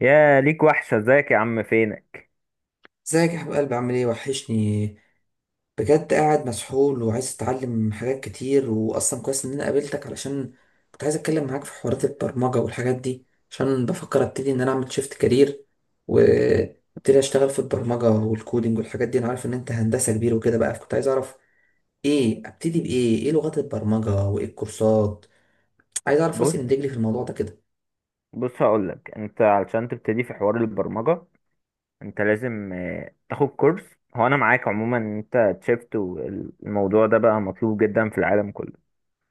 يا ليك وحشة، ازيك يا عم؟ فينك؟ ازيك يا حبيب قلبي، عامل ايه، وحشني بجد. قاعد مسحول وعايز اتعلم حاجات كتير، واصلا كويس ان انا قابلتك علشان كنت عايز اتكلم معاك في حوارات البرمجة والحاجات دي، عشان بفكر ابتدي ان انا اعمل شيفت كارير وابتدي اشتغل في البرمجة والكودينج والحاجات دي. انا عارف ان انت هندسة كبير وكده، بقى فكنت عايز اعرف ايه، ابتدي بايه، ايه لغات البرمجة وايه الكورسات. عايز اعرف بص راسي من رجلي في الموضوع ده كده. بص هقولك انت علشان تبتدي في حوار البرمجة انت لازم تاخد كورس. هو انا معاك عموما ان انت تشيفت، والموضوع ده بقى مطلوب جدا في العالم كله.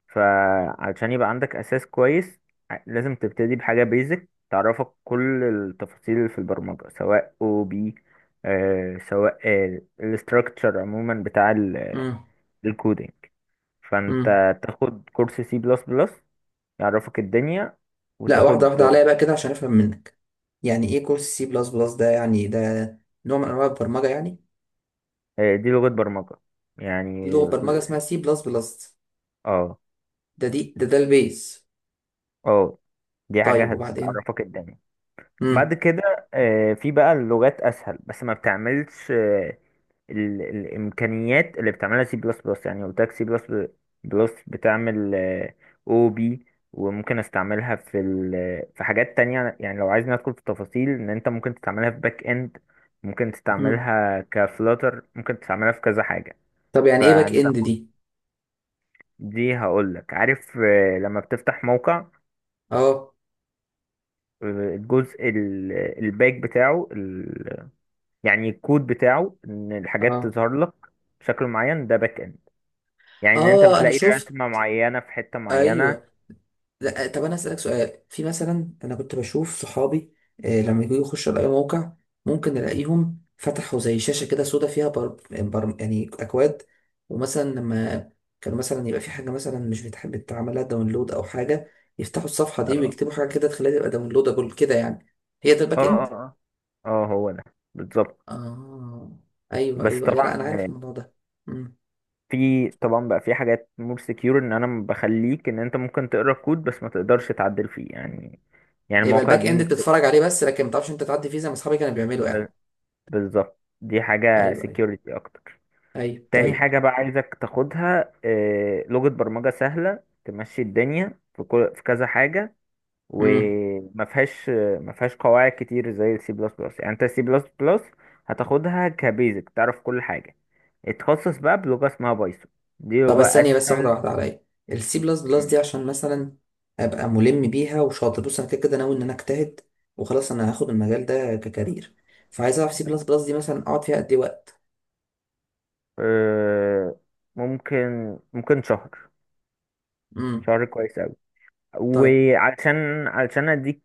فعلشان يبقى عندك اساس كويس لازم تبتدي بحاجة بيزك تعرفك كل التفاصيل اللي في البرمجة، سواء او بي سواء الاستراكتشر عموما بتاع الكودينج. فانت امم تاخد كورس سي بلس بلس، يعرفك الدنيا. لا، واحدة وتاخد واحدة عليا بقى كده عشان أفهم منك. يعني إيه كورس سي بلس بلس ده؟ يعني ده نوع من أنواع البرمجة يعني؟ دي لغة برمجة دي يعني. لغة برمجة اسمها سي بلس بلس؟ اه. ده دي ده ده البيز. اه، دي حاجة طيب، وبعدين؟ هتعرفك الدنيا. بعد مم. كده في بقى اللغات أسهل، بس ما بتعملش الإمكانيات اللي بتعملها سي بلس بلس. يعني قلت لك سي بلس بلس بتعمل أو بي، وممكن استعملها في حاجات تانية. يعني لو عايز ندخل في تفاصيل، إن أنت ممكن تستعملها في باك إند، ممكن مم. تستعملها كفلاتر، ممكن تستعملها في كذا حاجة. طب يعني إيه باك فأنت، إند دي؟ دي هقولك. عارف لما بتفتح موقع، أه، الجزء الباك بتاعه يعني الكود بتاعه، ان الحاجات أه، تظهر لك بشكل معين، ده باك اند. يعني ان انت أه، أنا بتلاقي شفت. رسمة معينة في حتة معينة. أيوه. لا، طب انا اسالك سؤال، في مثلا انا كنت بشوف صحابي، لما يجوا يخشوا على اي موقع ممكن الاقيهم فتحوا زي شاشه كده سودا فيها يعني اكواد. ومثلا لما كانوا مثلا يبقى في حاجه مثلا مش بتحب تعملها داونلود او حاجه، يفتحوا الصفحه دي اه ويكتبوا حاجه كده تخليها تبقى داونلودابل كده يعني. هي ده اه الباك اه اند؟ اه اه، هو ده بالظبط. اه. ايوه، بس ايوه، أيوة، طبعا، لا انا عارف الموضوع ده. امم في طبعا بقى في حاجات مور سكيور، ان انا بخليك ان انت ممكن تقرا الكود بس ما تقدرش تعدل فيه يعني. يعني يبقى المواقع الباك اند دي بتتفرج عليه بس لكن ما تعرفش انت تعدي فيه زي ما اصحابي كانوا بيعملوا بتبقى- يعني. بالظبط، دي حاجة ايوه، ايوه، سكيورتي اكتر. ايوه، تاني طيب. حاجة بقى عايزك تاخدها لغة برمجة سهلة، تمشي الدنيا في كل، في كذا حاجة، امم وما فيهاش ما فيهاش قواعد كتير زي السي بلس بلس. يعني انت السي بلس بلس هتاخدها كبيزك، تعرف كل حاجة. اتخصص بقى بلغة اسمها بايثون، دي طب بس لغة ثانية، بس واحدة أسهل. واحدة عليا. السي بلس بلس دي مم. عشان مثلا أبقى ملم بيها وشاطر. بص، أنا كده كده ناوي إن أنا أجتهد، وخلاص أنا هاخد المجال ده ككارير. فعايز أعرف سي بلس بلس دي مثلا أقعد فيها قد إيه وقت؟ آه، ممكن شهر، امم. شهر كويس أوي. طيب، علشان اديك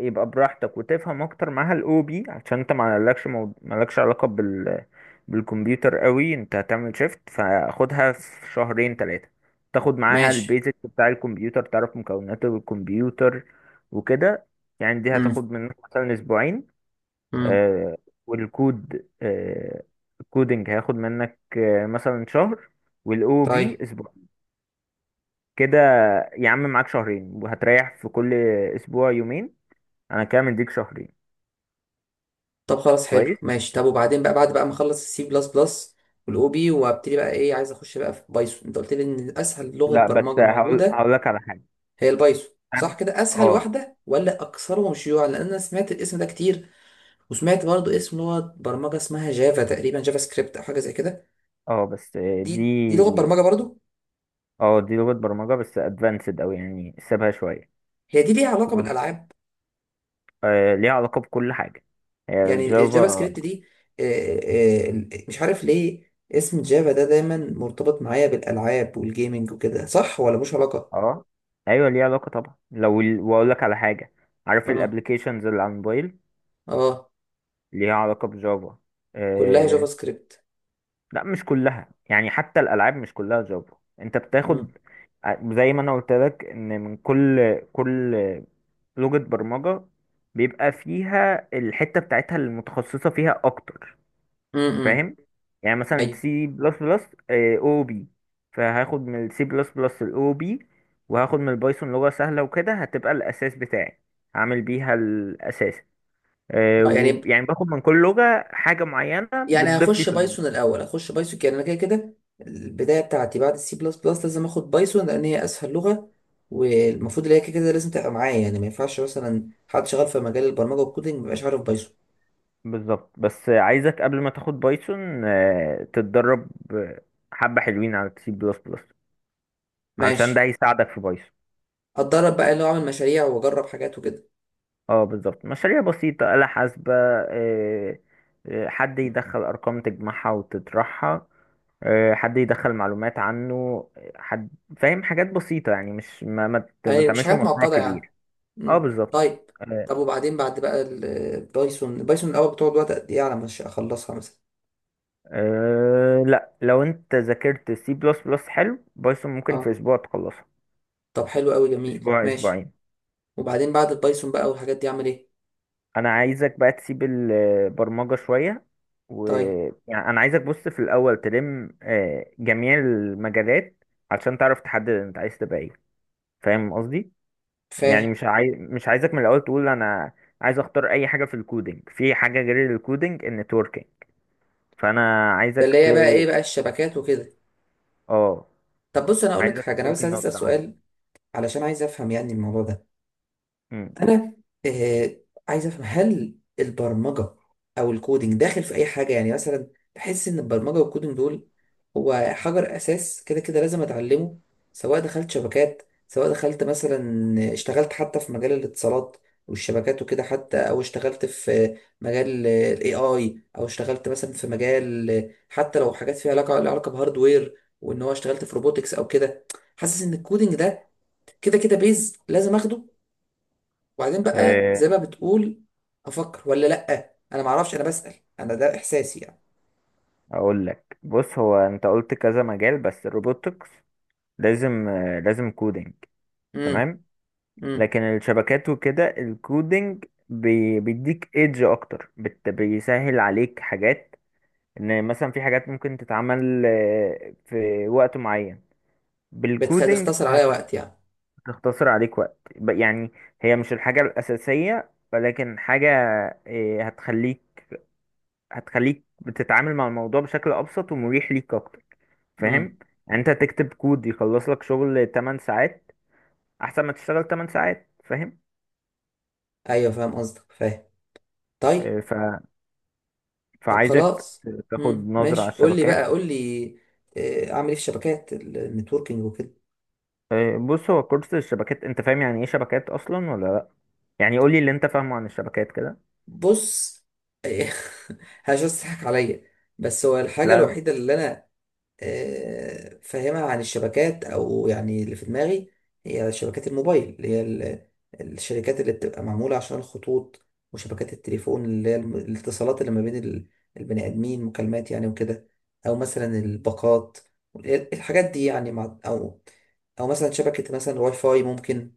يبقى براحتك وتفهم اكتر معاها الاو بي. عشان انت ما لكش ما لكش علاقة بالكمبيوتر قوي، انت هتعمل شيفت، فاخدها في شهرين ثلاثة. تاخد معاها ماشي. البيزك بتاع الكمبيوتر، تعرف مكونات الكمبيوتر وكده. يعني دي امم. هتاخد منك مثلا اسبوعين. امم. آه والكود، الكودنج هياخد منك مثلا شهر، والاو بي طيب. اسبوع كده. يا عم معاك شهرين، وهتريح في كل اسبوع يومين، انا كده مديك شهرين. طب خلاص حلو، كويس. ماشي. طب وبعدين بقى، بعد بقى ما أخلص السي بلس بلس والأو بي، وأبتدي بقى إيه؟ عايز أخش بقى في بايثون. أنت قلت لي إن أسهل لغة لا بس برمجة هقول موجودة هقول لك على حاجه. هي البايثون، أنا- صح كده؟ أسهل اه. واحدة ولا أكثرهم شيوعا؟ لأن أنا سمعت الاسم ده كتير. وسمعت برضو اسم لغة برمجة اسمها جافا، تقريبا جافا سكريبت أو حاجة زي كده. اه بس. دي لغة دي برمجة برضو؟ اه، دي لغه برمجه بس ادفانسد، او يعني سيبها شويه. هي دي ليها علاقة و... بالألعاب؟ آه ليها علاقه بكل حاجه، هي يعني الجافا الجافا. سكريبت دي. آه، مش عارف ليه اسم جافا ده دايما مرتبط معايا بالألعاب والجيمنج وكده، صح ولا مش علاقة؟ اه ايوه ليها علاقه طبعا. لو واقول لك على حاجه، عارف اه. الابلكيشنز اللي على الموبايل؟ اه، ليها علاقه بجافا. كلها جافا سكريبت؟ لا مش كلها، يعني حتى الالعاب مش كلها جافا. انت بتاخد امم. زي ما انا قلت لك، ان من كل لغة برمجة بيبقى فيها الحتة بتاعتها المتخصصة فيها اكتر. امم. فاهم؟ يعني مثلا ايوه. سي بلس بلس او بي، فهاخد من السي بلس بلس الاو بي، وهاخد من البايثون لغة سهلة، وكده هتبقى الاساس بتاعي، هعمل بيها الاساس. آه، يعني يعني باخد من كل لغة حاجة معينة، يعني بتضيف لي هخش في. بايثون الاول، هخش بايثون. يعني انا كده كده البدايه بتاعتي بعد السي بلس بلس لازم اخد بايثون لان هي اسهل لغه، والمفروض اللي هي كده كده لازم تبقى معايا. يعني ما ينفعش مثلا حد شغال في مجال البرمجه والكودينج ما يبقاش عارف بايثون. بالظبط. بس عايزك قبل ما تاخد بايثون تتدرب حبة حلوين على سي بلس بلس، علشان ده ماشي. هيساعدك في بايثون. هتدرب بقى اللي هو اعمل مشاريع واجرب حاجات وكده؟ اه بالظبط، مشاريع بسيطة، آلة حاسبة، حد مم. يدخل أرقام تجمعها وتطرحها، حد يدخل معلومات عنه، حد، فاهم، حاجات بسيطة يعني، مش ما ايوه، مش تعملش حاجات مشروع معقده يعني. كبير. اه مم. بالظبط. طيب. آه، طب وبعدين بعد بقى البايثون، بايثون الاول بتقعد وقت قد ايه على ما اخلصها مثلا؟ لا، لو انت ذاكرت سي بلس بلس حلو، بايثون ممكن في اه. اسبوع تخلصها. طب حلو قوي، جميل، اسبوع ماشي. اسبوعين. وبعدين بعد البايثون بقى والحاجات دي اعمل ايه؟ انا عايزك بقى تسيب البرمجة شوية، و طيب. يعني انا عايزك، بص، في الاول تلم جميع المجالات علشان تعرف تحدد انت عايز تبقى ايه. فاهم قصدي؟ يعني فاهم. مش عايزك من الاول تقول انا عايز اختار اي حاجة في الكودينج، في حاجة غير الكودينج، النتوركينج. فانا ده عايزك اللي هي بقى ايه بقى، الشبكات وكده؟ اه، طب بص انا اقول لك عايزك حاجه، انا بس تلقي عايز اسال نظرة عنه. سؤال علشان عايز افهم يعني الموضوع ده. مم. انا آه عايز افهم هل البرمجه او الكودينج داخل في اي حاجه؟ يعني مثلا بحس ان البرمجه والكودينج دول هو حجر اساس كده كده لازم اتعلمه، سواء دخلت شبكات، سواء دخلت مثلا اشتغلت حتى في مجال الاتصالات والشبكات وكده، حتى او اشتغلت في مجال الاي اي، او اشتغلت مثلا في مجال حتى لو حاجات فيها علاقه لها علاقه بهاردوير، وان هو اشتغلت في روبوتكس او كده. حاسس ان الكودينج ده كده كده بيز لازم اخده، وبعدين بقى آه، زي ما بتقول افكر، ولا لا، انا ما اعرفش انا بسأل، انا ده احساسي يعني. اقول لك، بص، هو انت قلت كذا مجال، بس الروبوتكس لازم لازم كودينج. امم. تمام. امم. لكن الشبكات وكده الكودينج بيديك ايدج اكتر، بيسهل عليك حاجات، ان مثلا في حاجات ممكن تتعمل في وقت معين بالكودينج، بتختصر عليا وقت يعني. هتختصر عليك وقت. يعني هي مش الحاجة الأساسية، ولكن حاجة آه، هتخليك هتخليك بتتعامل مع الموضوع بشكل أبسط ومريح ليك أكتر. امم. فاهم؟ يعني أنت تكتب كود يخلص لك شغل 8 ساعات، أحسن ما تشتغل 8 ساعات. ايوه فاهم قصدك، فاهم. طيب. فاهم؟ طب فعايزك خلاص. تاخد امم، نظرة على ماشي. قول لي بقى، الشبكات. قول لي. اعمل ايه في شبكات النتوركينج وكده؟ بص، هو كورس الشبكات، انت فاهم يعني ايه شبكات اصلا ولا لا؟ يعني قولي اللي انت فاهمه عن الشبكات كده. بص. هجس تضحك عليا. بس هو الحاجة لا لا. الوحيدة اللي انا فاهمها عن الشبكات او يعني اللي في دماغي هي شبكات الموبايل، اللي هي الشركات اللي بتبقى معمولة عشان الخطوط، وشبكات التليفون اللي هي الاتصالات اللي ما بين البني ادمين، مكالمات يعني وكده، او مثلا الباقات، الحاجات دي يعني، مع او مثلا شبكة مثلا واي فاي ممكن،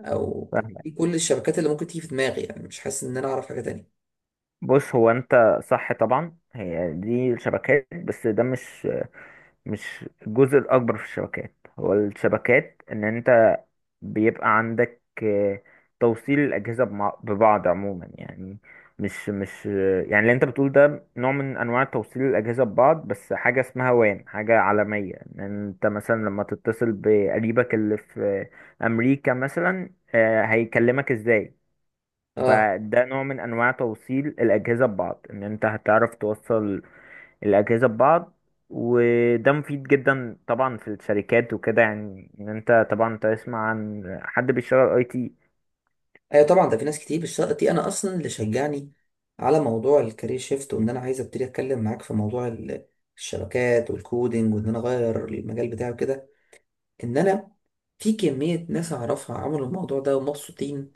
او فاهمك. كل الشبكات اللي ممكن تيجي في دماغي يعني، مش حاسس ان انا اعرف حاجة تانية. بص، هو انت صح طبعا، هي دي الشبكات، بس ده مش، مش الجزء الاكبر في الشبكات. هو الشبكات ان انت بيبقى عندك توصيل الأجهزة ببعض عموما. يعني مش، يعني اللي انت بتقول ده نوع من انواع توصيل الأجهزة ببعض، بس حاجة اسمها وان، حاجة عالمية، ان انت مثلا لما تتصل بقريبك اللي في أمريكا مثلا، هيكلمك ازاي. اه. فده نوع من انواع توصيل الأجهزة ببعض، ان انت هتعرف توصل الأجهزة ببعض. وده مفيد جدا طبعا في الشركات وكده، يعني ان انت طبعا تسمع عن حد بيشتغل IT. ايوه طبعا، ده في ناس كتير، بس دي انا اصلا اللي شجعني على موضوع الكارير شيفت، وان انا عايز ابتدي اتكلم معاك في موضوع الشبكات والكودينج، وان انا اغير المجال بتاعي كده. ان انا في كمية ناس اعرفها عملوا الموضوع ده ومبسوطين،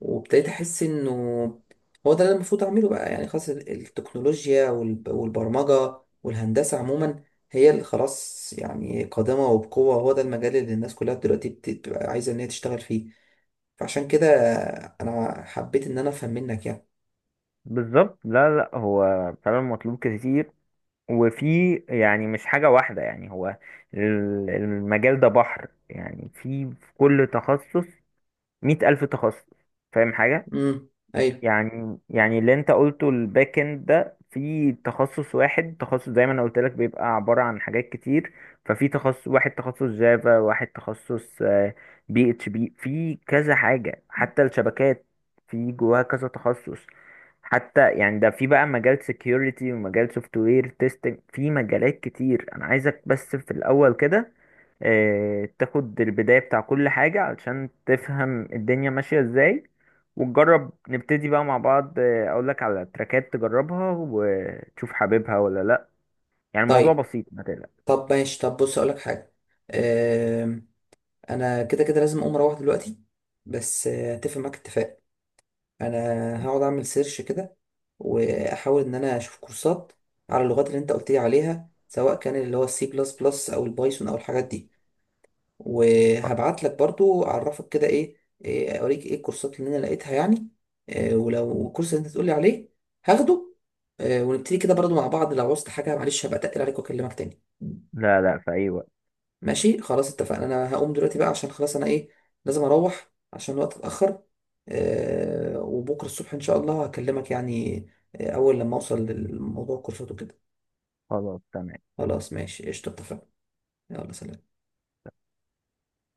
وابتديت احس انه هو ده اللي المفروض اعمله بقى. يعني خلاص التكنولوجيا والبرمجة والهندسة عموما هي اللي خلاص يعني قادمة وبقوة. هو ده المجال اللي الناس كلها دلوقتي بتبقى عايزة ان هي تشتغل فيه. فعشان كده انا حبيت ان انا افهم منك يعني. بالظبط. لا لا، هو فعلا مطلوب كتير، وفي، يعني مش حاجة واحدة. يعني هو المجال ده بحر، يعني في، في كل تخصص 100,000 تخصص. فاهم حاجة؟ امم. ايوه. يعني، يعني اللي انت قلته الباك اند ده، في تخصص واحد، تخصص زي ما انا قلت لك بيبقى عبارة عن حاجات كتير. ففي تخصص واحد، تخصص جافا، واحد تخصص PHP، في كذا حاجة. حتى الشبكات في جواها كذا تخصص. حتى يعني ده في بقى مجال security، ومجال سوفت وير تيستنج، في مجالات كتير. انا عايزك بس في الاول كده تاخد البداية بتاع كل حاجة، علشان تفهم الدنيا ماشية ازاي، وتجرب، نبتدي بقى مع بعض. اقولك على تراكات تجربها وتشوف حاببها ولا لا. يعني الموضوع طيب. بسيط، ما تقلق. طب ماشي. طب بص اقولك حاجه. أم، انا كده كده لازم اقوم اروح دلوقتي. بس اتفق معاك اتفاق. انا هقعد اعمل سيرش كده، واحاول ان انا اشوف كورسات على اللغات اللي انت قلت لي عليها، سواء كان اللي هو السي بلس بلس او البايثون او الحاجات دي. وهبعت لك برضو اعرفك كده إيه، اوريك ايه الكورسات اللي انا لقيتها يعني. ولو الكورس اللي انت تقولي عليه هاخده. ونبتدي كده برضو مع بعض، لو عوزت حاجة معلش هبقى اتقل عليك واكلمك تاني. لا لا، في اي وقت. ماشي خلاص اتفقنا، انا هقوم دلوقتي بقى عشان خلاص انا لازم اروح عشان الوقت اتأخر. وبكرة الصبح ان شاء الله هكلمك، يعني اول لما اوصل للموضوع الكورسات وكده. خلاص، تمام. خلاص ماشي، قشطة، اتفقنا. يلا، سلام.